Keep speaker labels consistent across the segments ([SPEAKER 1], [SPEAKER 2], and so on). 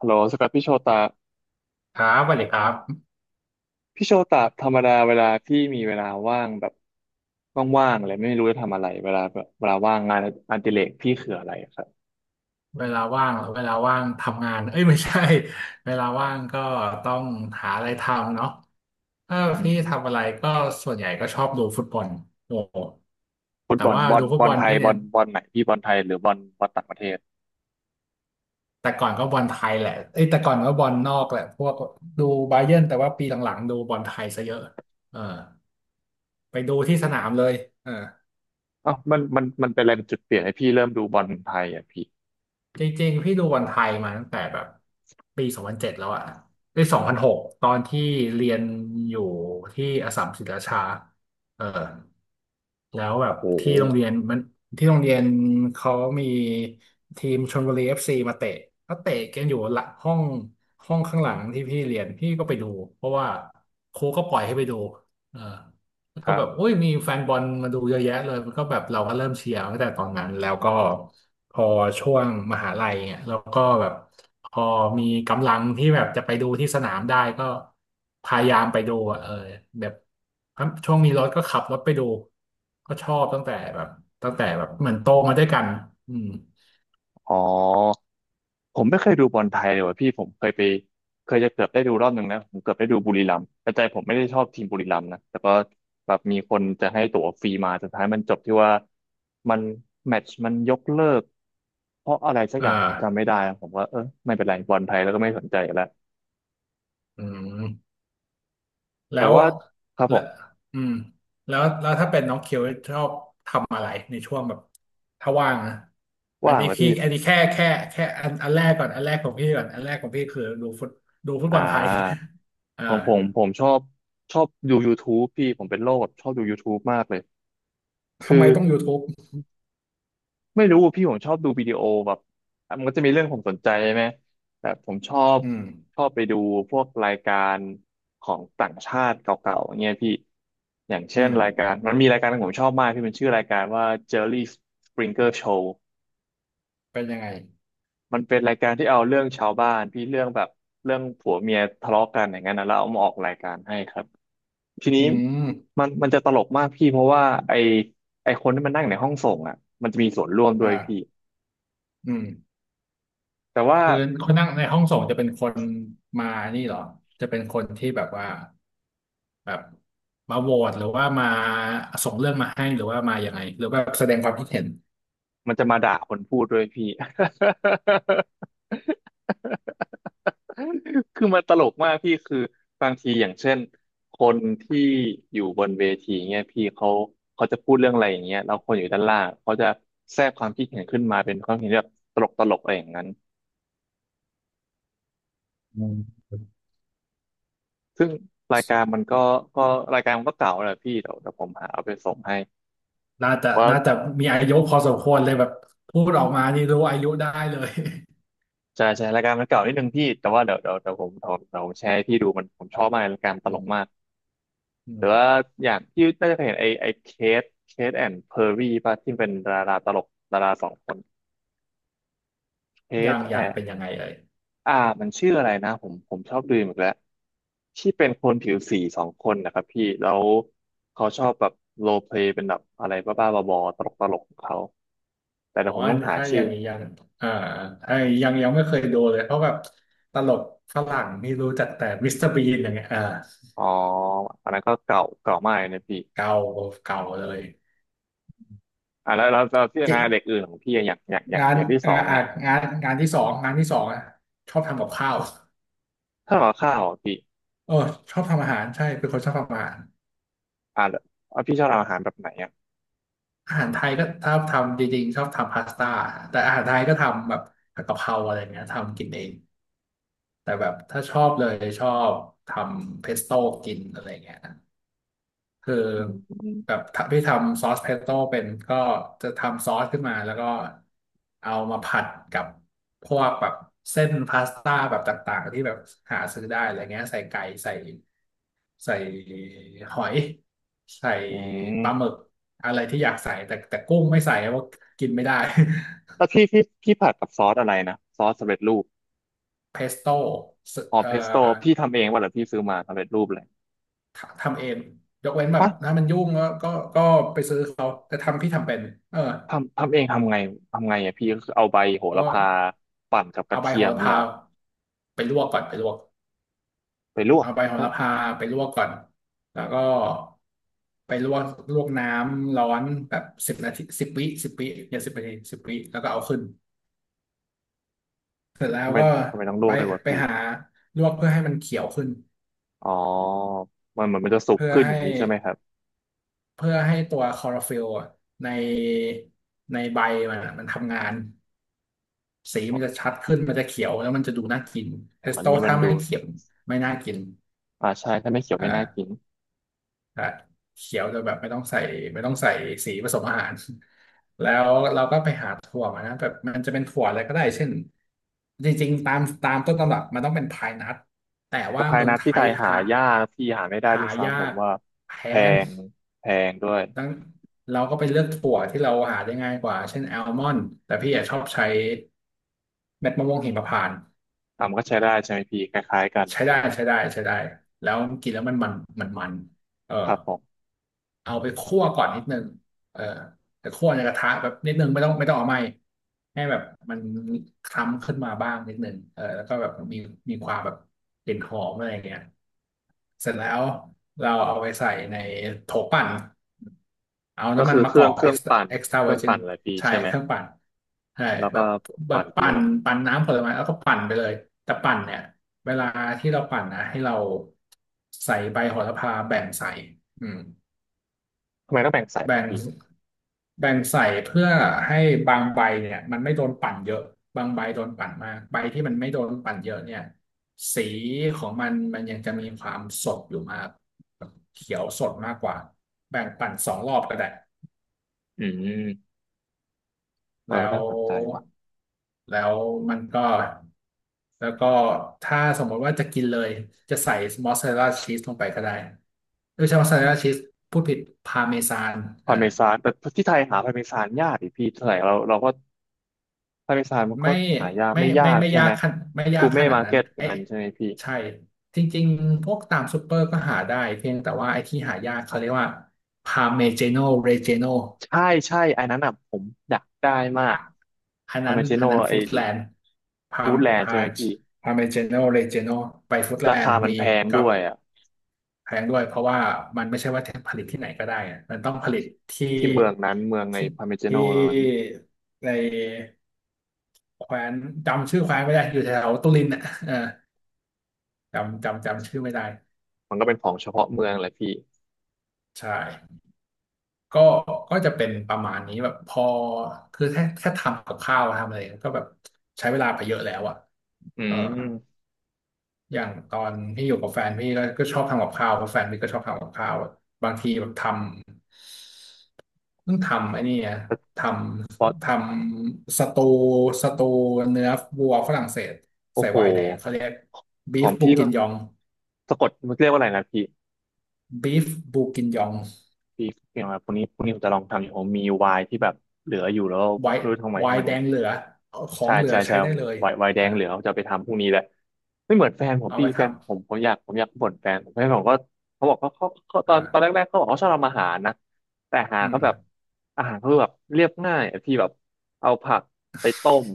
[SPEAKER 1] ฮัลโหลสกัดพี่โชตา
[SPEAKER 2] ครับสวัสดีครับ
[SPEAKER 1] พี่โชตาธรรมดาเวลาพี่มีเวลาว่างแบบว่างๆอะไรไม่รู้จะทำอะไรเวลาแบบเวลาว่างงานอดิเรกพี่คืออะไรอะครับ
[SPEAKER 2] เวลาว่างทำงานเอ้ยไม่ใช่ เวลาว่างก็ต้องหาอะไรทำเนาะถ้า
[SPEAKER 1] อื
[SPEAKER 2] พี่
[SPEAKER 1] ม
[SPEAKER 2] ทำอะไรก็ส่วนใหญ่ก็ชอบดูฟุตบอลโอ้โห
[SPEAKER 1] ฟุต
[SPEAKER 2] แต่
[SPEAKER 1] บอล
[SPEAKER 2] ว่าดูฟุ
[SPEAKER 1] บ
[SPEAKER 2] ต
[SPEAKER 1] อ
[SPEAKER 2] บ
[SPEAKER 1] ล
[SPEAKER 2] อล
[SPEAKER 1] ไทย
[SPEAKER 2] พี่เนี่ย
[SPEAKER 1] บอลไหนพี่บอลไทยหรือบอลต่างประเทศ
[SPEAKER 2] แต่ก่อนก็บอลไทยแหละเอ้ยแต่ก่อนก็บอลนอกแหละพวกดูบาเยิร์นแต่ว่าปีหลังๆดูบอลไทยซะเยอะเออไปดูที่สนามเลยเออ
[SPEAKER 1] เอ้าวมันเป็นอะไรเป็นจุดเปลี่ยนให้พี่เริ่มดูบอลไทยอ่ะพี่
[SPEAKER 2] จริงๆพี่ดูบอลไทยมาตั้งแต่แบบปี2007แล้วอะปี2006ตอนที่เรียนอยู่ที่อัสสัมศรีราชาเออแล้วแบ
[SPEAKER 1] โอ้
[SPEAKER 2] บ
[SPEAKER 1] โห
[SPEAKER 2] ที่โรงเรียนมันที่โรงเรียนเขามีทีมชลบุรีเอฟซีมาเตะเขาเตะกันอยู่หลังห้องห้องข้างหลังที่พี่เรียนพี่ก็ไปดูเพราะว่าครูก็ปล่อยให้ไปดูเออแล้ว
[SPEAKER 1] ค
[SPEAKER 2] ก็
[SPEAKER 1] รั
[SPEAKER 2] แบบ
[SPEAKER 1] บ
[SPEAKER 2] อุ้ยมีแฟนบอลมาดูเยอะแยะเลยมันก็แบบเราก็เริ่มเชียร์ตั้งแต่ตอนนั้นแล้วก็ พอช่วงมหาลัยเนี่ยแล้วก็แบบพอมีกำลังที่แบบจะไปดูที่สนามได้ก็พยายามไปดูอะเออแบบช่วงมีรถก็ขับรถไปดูก็ชอบตั้งแต่แบบเหมือนโตมาด้วยกันอืม
[SPEAKER 1] อ๋อ ผมไม่เคยดูบอลไทยเลยว่ะพี่ผมเคยไปเคยจะเกือบได้ดูรอบหนึ่งนะผมเกือบได้ดูบุรีรัมย์แต่ใจผมไม่ได้ชอบทีมบุรีรัมย์นะแต่ก็แบบมีคนจะให้ตั๋วฟรีมาสุดท้ายมันจบที่ว่ามันแมตช์มันยกเลิกเพราะอะไรสักอ
[SPEAKER 2] อ่
[SPEAKER 1] ย่างผมจำไม่
[SPEAKER 2] า
[SPEAKER 1] ได้แล้วผมว่าเออไม่เป็นไรบอลไทยแล้วก็ไม่สนใจแล้ว
[SPEAKER 2] อืมแล้
[SPEAKER 1] แต่
[SPEAKER 2] ว
[SPEAKER 1] ว่าครับผ
[SPEAKER 2] แล้ว
[SPEAKER 1] ม
[SPEAKER 2] อืมแล้วแล้วถ้าเป็นน้องเคียวชอบทำอะไรในช่วงแบบถ้าว่างนะอัน
[SPEAKER 1] ว่าง
[SPEAKER 2] นี้
[SPEAKER 1] แล้ว
[SPEAKER 2] พี่
[SPEAKER 1] พี่
[SPEAKER 2] อันนี้แค่อันแรกก่อนอันแรกของพี่ก่อนอันแรกของพี่คือดูฟุต
[SPEAKER 1] อ่
[SPEAKER 2] บอลไทย
[SPEAKER 1] า
[SPEAKER 2] อ่า
[SPEAKER 1] ของผมชอบชอบดู YouTube พี่ผมเป็นโรคแบบชอบดู YouTube มากเลย
[SPEAKER 2] ทำ
[SPEAKER 1] คื
[SPEAKER 2] ไม
[SPEAKER 1] อ
[SPEAKER 2] ต้อง YouTube
[SPEAKER 1] ไม่รู้พี่ผมชอบดูวิดีโอแบบมันก็จะมีเรื่องผมสนใจใช่ไหมแต่ผมชอบ
[SPEAKER 2] อืม
[SPEAKER 1] ชอบไปดูพวกรายการของต่างชาติเก่าๆงเงี้ยพี่อย่าง
[SPEAKER 2] อื
[SPEAKER 1] เช่น
[SPEAKER 2] ม
[SPEAKER 1] รายการมันมีรายการที่ผมชอบมากพี่มันชื่อรายการว่า Jerry Springer Show
[SPEAKER 2] เป็นยังไง
[SPEAKER 1] มันเป็นรายการที่เอาเรื่องชาวบ้านพี่เรื่องแบบเรื่องผัวเมียทะเลาะกันอย่างนั้นนะแล้วเอามาออกรายการให้ครับที
[SPEAKER 2] อื
[SPEAKER 1] นี้
[SPEAKER 2] ม
[SPEAKER 1] มันจะตลกมากพี่เพราะว่าไอไอคนที่มันนั่งในห้องส่งอ่ะมันจะมีส่วนร่วมด้วยพี่
[SPEAKER 2] อ่าอืม
[SPEAKER 1] แต่ว่า
[SPEAKER 2] คือคนนั่งในห้องส่งจะเป็นคนมานี่เหรอจะเป็นคนที่แบบว่าแบบมาโหวตหรือว่ามาส่งเรื่องมาให้หรือว่ามายังไงหรือว่าแสดงความคิดเห็น
[SPEAKER 1] มันจะมาด่าคนพูดด้วยพี่ คือมันตลกมากพี่คือบางทีอย่างเช่นคนที่อยู่บนเวทีเนี่ยพี่เขาจะพูดเรื่องอะไรอย่างเงี้ยแล้วคนอยู่ด้านล่างเขาจะแทรกความคิดเห็นขึ้นมาเป็นความเห็นแบบตลกตลกอะไรอย่างนั้น
[SPEAKER 2] อืม
[SPEAKER 1] ซึ่งรายการมันก็รายการมันก็เก่าแหละพี่เดี๋ยวผมหาเอาไปส่งให้
[SPEAKER 2] น่าจะ
[SPEAKER 1] เพราะ
[SPEAKER 2] น่าจะ
[SPEAKER 1] ว
[SPEAKER 2] มีอายุพอสมควรเลยแบบพูดออกมานี่รู้อายุได้เลย
[SPEAKER 1] จะใช้รายการมันเก่านิดนึงพี่แต่ว่าเดี๋ยวเดี๋ยวเดี๋ยวผมเดี๋ยวเดี๋ยวผมแชร์ให้พี่ดูมันผมชอบมากรายการต
[SPEAKER 2] อื
[SPEAKER 1] ลก
[SPEAKER 2] ม
[SPEAKER 1] มาก
[SPEAKER 2] อื
[SPEAKER 1] แต่
[SPEAKER 2] ม
[SPEAKER 1] ว่าอย่างที่น่าจะเคยเห็นไอเคทเคทแอนด์เพอร์ี่ป่ะที่เป็นดาราตลกดาราสองคนเค
[SPEAKER 2] อย่า
[SPEAKER 1] ท
[SPEAKER 2] งอ
[SPEAKER 1] แอ
[SPEAKER 2] ย่าง
[SPEAKER 1] น
[SPEAKER 2] เป็นยังไงเอ่ย
[SPEAKER 1] อ่ามันชื่ออะไรนะผมชอบดูอีกแล้วที่เป็นคนผิวสีสองคนนะครับพี่แล้วเขาชอบแบบโรลเพลย์เป็นแบบอะไรบ้าๆบอๆตลกตลกของเขาแต่เดี๋
[SPEAKER 2] อ๋
[SPEAKER 1] ย
[SPEAKER 2] อ
[SPEAKER 1] วผมต้องหา
[SPEAKER 2] ถ้า
[SPEAKER 1] ชื่
[SPEAKER 2] ยั
[SPEAKER 1] อ
[SPEAKER 2] งยังอ่าไอ้ยังไม่เคยดูเลย เพราะแบบตลกฝรั่งนี่รู้จักแต่มิสเตอร์บีนอย่างเงี้ยอ่า
[SPEAKER 1] อ๋ออันนั้นก็เก่าเก่ามากเลยนะพี่
[SPEAKER 2] เก่าเก่าเลย
[SPEAKER 1] อ่าแล้วที่
[SPEAKER 2] เจ๊
[SPEAKER 1] งานเด็กอื่นของพี่อะ
[SPEAKER 2] งา
[SPEAKER 1] อ
[SPEAKER 2] น
[SPEAKER 1] ย่างที่สอ
[SPEAKER 2] งาน
[SPEAKER 1] ง
[SPEAKER 2] อ่ะ
[SPEAKER 1] อ่ะ
[SPEAKER 2] งานงานที่สองงานที่สองอ่ะชอบทำกับข้าว
[SPEAKER 1] ถ้าเราข้าวอะพี่
[SPEAKER 2] เออชอบทำอาหารใช่เป็นคนชอบทำอาหาร
[SPEAKER 1] อ่าแล้วอ่ะพี่ชอบทำอาหารแบบไหนอ่ะ
[SPEAKER 2] อาหารไทยก็ชอบทำจริงๆชอบทำพาสต้าแต่อาหารไทยก็ทำแบบผัดกะเพราอะไรเงี้ยทำกินเองแต่แบบถ้าชอบเลยชอบทำเพสโต้กินอะไรเงี้ย คือ
[SPEAKER 1] อืม
[SPEAKER 2] แบบพี่ทำซอสเพสโต้เป็นก็จะทำซอสขึ้นมาแล้วก็เอามาผัดกับพวกแบบเส้นพาสต้าแบบต่างๆที่แบบหาซื้อได้อะไรเงี้ยใส่ไก่ใส่หอยใส่
[SPEAKER 1] อื
[SPEAKER 2] ปลาห
[SPEAKER 1] ม
[SPEAKER 2] มึกอะไรที่อยากใส่แต่กุ้งไม่ใส่เพราะกินไม่ได้
[SPEAKER 1] แล้วพี่ผัดกับซอสอะไรนะซอสสำเร็จรูป
[SPEAKER 2] เพสโต้
[SPEAKER 1] อ๋อ
[SPEAKER 2] เอ่อ
[SPEAKER 1] เพสโต้พี่ทำเองวะหรือพี่ซื้อมาสำเร็จรูปเลย
[SPEAKER 2] ทำเองยกเว้นแบบ
[SPEAKER 1] ฮะ
[SPEAKER 2] ถ้ามันยุ่งก็ไปซื้อเขาแต่ทำพี่ทำเป็นเออ
[SPEAKER 1] ทำเองทำไงทำไงอ่ะพี่ก็คือเอาใบโห
[SPEAKER 2] เพ
[SPEAKER 1] ระ
[SPEAKER 2] ราะ
[SPEAKER 1] พาปั่นกับก
[SPEAKER 2] เอา
[SPEAKER 1] ระ
[SPEAKER 2] ใบ
[SPEAKER 1] เที
[SPEAKER 2] โห
[SPEAKER 1] ยม
[SPEAKER 2] ระ
[SPEAKER 1] นี่
[SPEAKER 2] พา
[SPEAKER 1] หรอ
[SPEAKER 2] ไปลวกก่อนไปลวก
[SPEAKER 1] ไปลวก
[SPEAKER 2] เอาใบโห
[SPEAKER 1] เอ้า
[SPEAKER 2] ระพาไปลวกก่อนแล้วก็ไปลวกน้ำร้อนแบบสิบนาทีสิบวิอย่าสิบนาทีสิบวิแล้วก็เอาขึ้นเสร็จแล้
[SPEAKER 1] ทำ
[SPEAKER 2] ว
[SPEAKER 1] ไม
[SPEAKER 2] ก็
[SPEAKER 1] ทำไมต้องล
[SPEAKER 2] ไป
[SPEAKER 1] วกด้วยวะ
[SPEAKER 2] ไป
[SPEAKER 1] พี่
[SPEAKER 2] หาลวกเพื่อให้มันเขียวขึ้น
[SPEAKER 1] อ๋อมันเหมือนมันจะสุก
[SPEAKER 2] เพื่อ
[SPEAKER 1] ขึ้นอ
[SPEAKER 2] ให้
[SPEAKER 1] ย่างนี้ใช่ไหมครับ
[SPEAKER 2] เพื่อให้ตัวคลอโรฟิลล์อะในในใบมันอะมันทำงานสี
[SPEAKER 1] อ๋
[SPEAKER 2] มันจะ
[SPEAKER 1] อ
[SPEAKER 2] ชัดขึ้นมันจะเขียวแล้วมันจะดูน่ากินเทส
[SPEAKER 1] อัน
[SPEAKER 2] โต้
[SPEAKER 1] นี้มัน
[SPEAKER 2] ถ้าไม่
[SPEAKER 1] ดู
[SPEAKER 2] เขียวไม่น่ากิน
[SPEAKER 1] อ่าใช่ถ้าไม่เขียวไม่น่ากิ
[SPEAKER 2] อ่า
[SPEAKER 1] น
[SPEAKER 2] อ่ะเขียวโดยแบบไม่ต้องใส่ไม่ต้องใส่สีผสมอาหาร แล้วเราก็ไปหาถั่วมานะแบบมันจะเป็นถั่วอะไรก็ได้เช่นจริงๆตามต้นตำรับมันต้องเป็นพายนัทแต่
[SPEAKER 1] สะ
[SPEAKER 2] ว่า
[SPEAKER 1] พาย
[SPEAKER 2] เมือง
[SPEAKER 1] นัท
[SPEAKER 2] ไท
[SPEAKER 1] ที่ไท
[SPEAKER 2] ย
[SPEAKER 1] ยหา
[SPEAKER 2] หา
[SPEAKER 1] ยากพี่หาไม่ได้ด้
[SPEAKER 2] หา
[SPEAKER 1] วยซ้ำผ
[SPEAKER 2] ยา
[SPEAKER 1] ม
[SPEAKER 2] ก
[SPEAKER 1] ว่า
[SPEAKER 2] แพ
[SPEAKER 1] แพ
[SPEAKER 2] ง
[SPEAKER 1] งแพงด้วย
[SPEAKER 2] ดังเราก็ไปเลือกถั่วที่เราหาได้ง่ายกว่าเช่นแอลมอนด์แต่พี่อะชอบใช้เม็ดมะม่วงหิมพานต์
[SPEAKER 1] อ่ะมันก็ใช้ได้ใช่ไหมพี่คล้ายๆกัน
[SPEAKER 2] ใช้ได้ใช้ได้ใช้ได้แล้วกินแล้วมันเออ
[SPEAKER 1] ครับผม
[SPEAKER 2] เอาไปคั่วก่อนนิดนึงเออแต่คั่วในกระทะแบบนิดนึงไม่ต้องไม่ต้องเอาไหม้ให้แบบมันคล้ำขึ้นมาบ้างนิดนึงเออแล้วก็แบบมีความแบบกลิ่นหอมอะไรอย่างเงี้ยเสร็จแล้วเราเอาไปใส่ในโถปั่นเอา
[SPEAKER 1] ก็
[SPEAKER 2] น้ำมั
[SPEAKER 1] คื
[SPEAKER 2] น
[SPEAKER 1] อ
[SPEAKER 2] มะกอก
[SPEAKER 1] เครื่
[SPEAKER 2] เอ็
[SPEAKER 1] อง
[SPEAKER 2] กซ์
[SPEAKER 1] ปั่น
[SPEAKER 2] เอ็กซ์ตร้า
[SPEAKER 1] เค
[SPEAKER 2] เว
[SPEAKER 1] รื่
[SPEAKER 2] อ
[SPEAKER 1] อง
[SPEAKER 2] ร์จิน
[SPEAKER 1] ปั่นอะไรพี่
[SPEAKER 2] ใช่
[SPEAKER 1] ใช่ไหม
[SPEAKER 2] เครื่องปั่นใช่
[SPEAKER 1] แล้ว
[SPEAKER 2] แบ
[SPEAKER 1] ก็
[SPEAKER 2] บแบ
[SPEAKER 1] ปั่
[SPEAKER 2] บ
[SPEAKER 1] นไป
[SPEAKER 2] ปั่
[SPEAKER 1] เล
[SPEAKER 2] น
[SPEAKER 1] ย
[SPEAKER 2] ปั่นน้ำผลไม้แล้วก็ปั่นไปเลยแต่ปั่นเนี่ย เวลาที่เราปั่นนะให้เราใส่ใบโหระพาแบ่งใส่อืม
[SPEAKER 1] ทำไมต้องแบ่งสายวะ
[SPEAKER 2] แบ่ง
[SPEAKER 1] พี่
[SPEAKER 2] แบ่งใส่เพื่อให้บางใบเนี่ยมันไม่โดนปั่นเยอะบางใบโดนปั่นมากใบที่มันไม่โดนปั่นเยอะเนี่ยสีของมันมันยังจะมีความสดอยู่มากแบบเขียวสดมากกว่าแบ่งปั่น2 รอบก็ได้
[SPEAKER 1] อืมเออ
[SPEAKER 2] แล้
[SPEAKER 1] น่า
[SPEAKER 2] ว
[SPEAKER 1] สนใจว่ะ
[SPEAKER 2] แล้วมันก็แล้วก็ถ้าสมมติว่าจะกินเลยจะใส่มอสซาเรลลาชีสลงไปก็ได้ไม่ใช่มอสซาเรลลาชีสพูดผิดพาเมซานเอ
[SPEAKER 1] พา
[SPEAKER 2] อ
[SPEAKER 1] ร์เมซานแต่ที่ไทยหาพาร์เมซานยากดิพี่ไทยเราเราก็พาร์เมซานมันก็
[SPEAKER 2] ไม่
[SPEAKER 1] หายากไม่ยาก
[SPEAKER 2] ไม่
[SPEAKER 1] ใช่
[SPEAKER 2] ยา
[SPEAKER 1] ไหม
[SPEAKER 2] กไม่ยา
[SPEAKER 1] กู
[SPEAKER 2] กข
[SPEAKER 1] เม่
[SPEAKER 2] นาด
[SPEAKER 1] มาร์
[SPEAKER 2] นั้น
[SPEAKER 1] เก็ต
[SPEAKER 2] ไอ้
[SPEAKER 1] งานใช่ไหมพี่
[SPEAKER 2] ใช่จริงๆพวกตามซูเปอร์ก็หาได้เพียงแต่ว่าไอ้ที่หายากเขาเรียกว่าพาเมเจโนเรเจโน
[SPEAKER 1] ใช่ใช่ไอ้นั้นอ่ะผมอยากได้มาก
[SPEAKER 2] อ่ะ
[SPEAKER 1] อเมจิโน
[SPEAKER 2] อันนั้น
[SPEAKER 1] ไอ้
[SPEAKER 2] ฟู้ดแลนด์พา
[SPEAKER 1] ฟูดแลนด์
[SPEAKER 2] พา
[SPEAKER 1] ใช่ไหมพี่
[SPEAKER 2] พาเมเจโนเรเจโนไปฟู้ดแล
[SPEAKER 1] รา
[SPEAKER 2] น
[SPEAKER 1] คา
[SPEAKER 2] ด์
[SPEAKER 1] มัน
[SPEAKER 2] มี
[SPEAKER 1] แพง
[SPEAKER 2] กั
[SPEAKER 1] ด้
[SPEAKER 2] บ
[SPEAKER 1] วยอ่ะ
[SPEAKER 2] แพงด้วยเพราะว่ามันไม่ใช่ว่าผลิตที่ไหนก็ได้อะมันต้องผลิตที่
[SPEAKER 1] ที่เมืองนั้นเมืองใน
[SPEAKER 2] ที่
[SPEAKER 1] พาร์เมจิโน
[SPEAKER 2] ที่
[SPEAKER 1] นั้น
[SPEAKER 2] ในแคว้นจำชื่อแคว้นไม่ได้อยู่แถวตุรินอ่ะเออจำชื่อไม่ได้
[SPEAKER 1] มันก็เป็นของเฉพาะเมืองแหละพี่
[SPEAKER 2] ใช่ก็ก็จะเป็นประมาณนี้แบบพอคือแค่ทำกับข้าวทำอะไรก็แบบใช้เวลาไปเยอะแล้วอ่ะ
[SPEAKER 1] อื
[SPEAKER 2] เออ
[SPEAKER 1] ม
[SPEAKER 2] อย่างตอนพี่อยู่กับแฟนพี่ก็ชอบทำกับข้าวเพราะแฟนพี่ก็ชอบทำกับข้าวอะบางทีแบบทำต้องทำไอ้นี่อะ
[SPEAKER 1] เฉ
[SPEAKER 2] ท
[SPEAKER 1] พาะ
[SPEAKER 2] ทำสตูเนื้อวัวฝรั่งเศส
[SPEAKER 1] โอ้
[SPEAKER 2] ใส่
[SPEAKER 1] โห
[SPEAKER 2] ไวน์แดงเขาเรียกบี
[SPEAKER 1] ขอ
[SPEAKER 2] ฟ
[SPEAKER 1] ง
[SPEAKER 2] บู
[SPEAKER 1] พี่
[SPEAKER 2] กิ
[SPEAKER 1] ก็
[SPEAKER 2] นยอง
[SPEAKER 1] สะกดมันเรียกว่าอะไรนะพี่
[SPEAKER 2] บีฟบูกินยอง
[SPEAKER 1] พี่อย่างไรพวกนี้พวกนี้ผมจะลองทำอยู่ผมมีวายที่แบบเหลืออยู่แล้ว
[SPEAKER 2] ไว
[SPEAKER 1] ไม่
[SPEAKER 2] น์
[SPEAKER 1] รู้ทำไม
[SPEAKER 2] ไว
[SPEAKER 1] มั
[SPEAKER 2] น์
[SPEAKER 1] น
[SPEAKER 2] แดงเหลือขอ
[SPEAKER 1] ใช่
[SPEAKER 2] งเหลือ
[SPEAKER 1] ใช่ใช่
[SPEAKER 2] ใช้ได้เลย
[SPEAKER 1] ไวน์แด
[SPEAKER 2] เออ
[SPEAKER 1] งเหลืองจะไปทำพรุ่งนี้แหละไม่เหมือนแฟนผม
[SPEAKER 2] เอา
[SPEAKER 1] พี่
[SPEAKER 2] ไปท
[SPEAKER 1] แฟนผมผมอยากบ่นแฟนผมก็เขาบอกเขา
[SPEAKER 2] ำ
[SPEAKER 1] ตอ
[SPEAKER 2] อ่า
[SPEAKER 1] นตอนแรกๆเขาบอกเขาชอบทำอาหารนะแต่
[SPEAKER 2] อืมอืม
[SPEAKER 1] อาหารเขาแบบเรียบง่ายอะพี่แบบเอาผักไปต้ม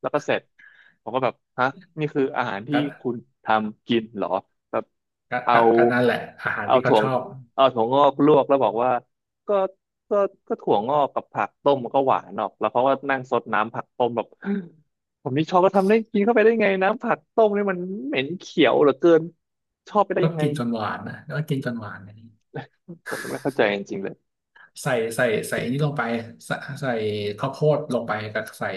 [SPEAKER 1] แล้วก็เสร็จผมก็แบบฮะนี่คืออาหารที่
[SPEAKER 2] ก็
[SPEAKER 1] คุณทำกินเหรอแบบเอา
[SPEAKER 2] ก็นั่นแหละอาหาร
[SPEAKER 1] เอา
[SPEAKER 2] ที่เขา
[SPEAKER 1] ถั่ว
[SPEAKER 2] ชอบ
[SPEAKER 1] เอาถั่วงอกลวกแล้วบอกว่า ก็ก็ก็ถั่วงอกกับผักต้มมันก็หวานออกแล้วเขาก็นั่งซดน้ำผักต้มแบบ ผมนี่ชอบก็ทำได้กินเข้าไปได้ไงน้ำผักต้มนี่มันเหม็นเขียวเหลือเกินชอบไปได้
[SPEAKER 2] ก็
[SPEAKER 1] ยังไง
[SPEAKER 2] กินจนหวานนะก็กินจนหวานอันนี้
[SPEAKER 1] ผมไม่เข้าใจจริงๆเลย
[SPEAKER 2] ใส่ใส่นี่ลงไปใส่ใส่ข้าวโพดลงไปกับใส่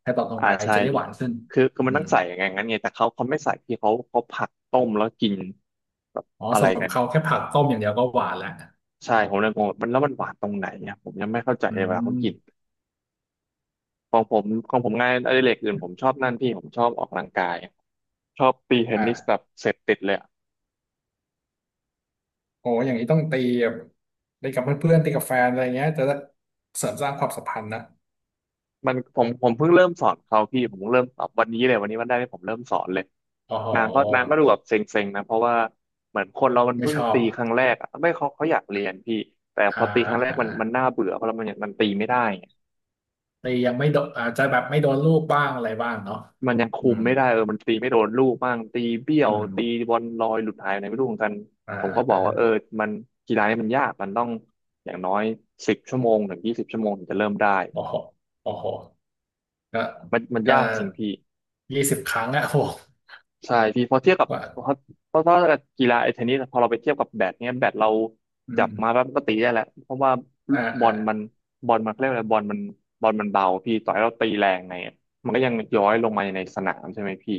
[SPEAKER 2] แครอทลง
[SPEAKER 1] อ่า
[SPEAKER 2] ไป
[SPEAKER 1] ใช่
[SPEAKER 2] จะได้
[SPEAKER 1] ดิ
[SPEAKER 2] หวานขึ้น
[SPEAKER 1] คือมั
[SPEAKER 2] อื
[SPEAKER 1] นต้อ
[SPEAKER 2] ม
[SPEAKER 1] งใส่อย่างงั้นไงแต่เขาไม่ใส่ที่เขาผักต้มแล้วกินแบบ
[SPEAKER 2] อ๋อ
[SPEAKER 1] อะไร
[SPEAKER 2] สำหรับ
[SPEAKER 1] กัน
[SPEAKER 2] เขาแค่ผักต้มอย่างเดียวก็หวานแล้ว
[SPEAKER 1] ใช่ผมเลยงงว่ามันแล้วมันหวานตรงไหนเนี่ยผมยังไม่เข้าใจ
[SPEAKER 2] อื
[SPEAKER 1] เวลาเขากิน
[SPEAKER 2] ม
[SPEAKER 1] ของผมของผมงานอดิเรกอื่นผมชอบนั่นพี่ผมชอบออกกำลังกายชอบตีเทนนิสแบ
[SPEAKER 2] อ่ะ
[SPEAKER 1] บเสพติดเลย
[SPEAKER 2] โอ้อย่างนี้ต้องตีแบบตีกับเพื่อนๆตีกับแฟนอะไรเงี้ยจะได้เสริมสร้างความสัมพันธ์นะ
[SPEAKER 1] มันผมเพิ่งเริ่มสอนเขาพี่ผมเพิ่งเริ่มสอนวันนี้เลยวันนี้วันแรกที่ผมเริ่มสอนเลย
[SPEAKER 2] โอ้โห
[SPEAKER 1] นางก็ดูแบบเซ็งๆนะเพราะว่าเหมือนคนเรามัน
[SPEAKER 2] ไม่
[SPEAKER 1] เพิ่
[SPEAKER 2] ช
[SPEAKER 1] ง
[SPEAKER 2] อบ
[SPEAKER 1] ตีครั้งแรกอะไม่เขาอยากเรียนพี่แต่พ
[SPEAKER 2] อ่า
[SPEAKER 1] อตีครั้งแรก
[SPEAKER 2] อ่
[SPEAKER 1] มันน่า
[SPEAKER 2] า
[SPEAKER 1] เบื่อเพราะเรามันยังมันตีไม่ได้ไง
[SPEAKER 2] ตียังไม่โดนอาจจะแบบไม่โดนลูกบ้างอะไรบ้างเนาะ
[SPEAKER 1] มันยังคุ
[SPEAKER 2] อื
[SPEAKER 1] ม
[SPEAKER 2] ม
[SPEAKER 1] ไม่ได้เออมันตีไม่โดนลูกบ้างตีเบี้ยว
[SPEAKER 2] อืม
[SPEAKER 1] ตีบอลลอยหลุดหายอะไรไม่รู้เหมือนกัน
[SPEAKER 2] อ่
[SPEAKER 1] ผมก็บอกว่าเอ
[SPEAKER 2] า
[SPEAKER 1] อมันกีฬานี่มันยากมันต้องอย่างน้อย10 ชั่วโมงถึง 20 ชั่วโมงถึงจะเริ่มได้
[SPEAKER 2] โอ้โหโอ้โหก็
[SPEAKER 1] มัน
[SPEAKER 2] ก็
[SPEAKER 1] ยากจริงพี่
[SPEAKER 2] 20 ครั้งอะโอ้โห
[SPEAKER 1] ใช่พี่พอเทียบกับ
[SPEAKER 2] กว่า
[SPEAKER 1] เพราะเพราะว่ากีฬาไอ้เทนนิสพอเราไปเทียบกับแบดเนี้ยแบดเรา
[SPEAKER 2] อื
[SPEAKER 1] จับ
[SPEAKER 2] ม
[SPEAKER 1] มาแล้วก็ตีได้แหละเพราะว่าบอ
[SPEAKER 2] อ่า
[SPEAKER 1] ลมันบอลมันเขาเรียกอะไรบอลมันเบาพี่ต่อยเราตีแรงไงอะมันก็ยังย้อยลงมาในสนามใช่ไหมพี่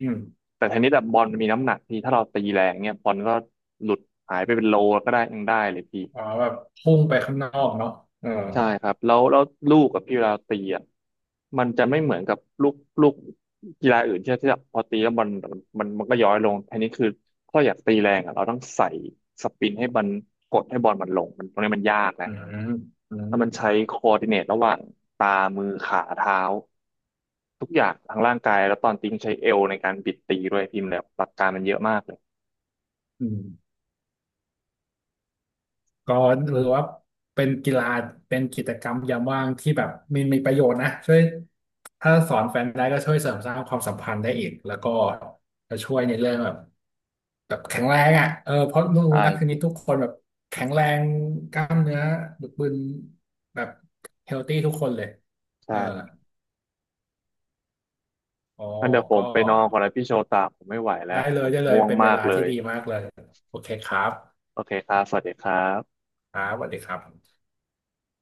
[SPEAKER 2] อืม
[SPEAKER 1] แต่เทนนิสแบบบอลมันมีน้ำหนักพี่ถ้าเราตีแรงเนี้ยบอลก็หลุดหายไปเป็นโลก็ได้ยังได้เลยพี่
[SPEAKER 2] อ๋อแบบพุ่งไปข้างนอกเนาะเออ
[SPEAKER 1] ใช่ครับแล้วลูกกับพี่เวลาตีอ่ะมันจะไม่เหมือนกับลูกกีฬาอื่นที่แบบพอตีแล้วบอลมันก็ย้อยลงทีนี้คือถ้าอยากตีแรงอ่ะเราต้องใส่สปินให้มันกดให้บอลมันลงมันตรงนี้มันยากนะ
[SPEAKER 2] อืมอื
[SPEAKER 1] แล้
[SPEAKER 2] ม
[SPEAKER 1] วมันใช้คอ o ์ดิเนตระหว่างตามือขาเท้าทุกอย่างทางร่างกายแล้วตอนตีต้องใช้เอวในการบิดตีด้วยพิมพ์แล้วหลักการมันเยอะมากเลย
[SPEAKER 2] อืมก็หรือว่าเป็นกีฬาเป็นกิจกรรมยามว่างที่แบบมีประโยชน์นะช่วยถ้าสอนแฟนได้ก็ช่วยเสริมสร้างความสัมพันธ์ได้อีกแล้วก็จะช่วยในเรื่องแบบแข็งแรงอ่ะเออเพราะรู้
[SPEAKER 1] ใช่
[SPEAKER 2] นักเทนนิ
[SPEAKER 1] พี่
[SPEAKER 2] สทุกคนแบบแข็งแรงกล้ามเนื้อบึกบึนแบบเฮลตี้ทุกคนเลย
[SPEAKER 1] ใ
[SPEAKER 2] เออ
[SPEAKER 1] ช่
[SPEAKER 2] อ๋อ
[SPEAKER 1] งั้นเดี๋ยวผ
[SPEAKER 2] ก็
[SPEAKER 1] มไปนอนก่อนนะพี่โชตาผมไม่ไหวแล้วผม
[SPEAKER 2] ได้เลย
[SPEAKER 1] ง่วง
[SPEAKER 2] เป็นเว
[SPEAKER 1] มาก
[SPEAKER 2] ลา
[SPEAKER 1] เล
[SPEAKER 2] ที่
[SPEAKER 1] ย
[SPEAKER 2] ดีมากเลยโอเคครับ
[SPEAKER 1] โอเคครับสวัสดีครับ
[SPEAKER 2] ครับสวัสดีครับ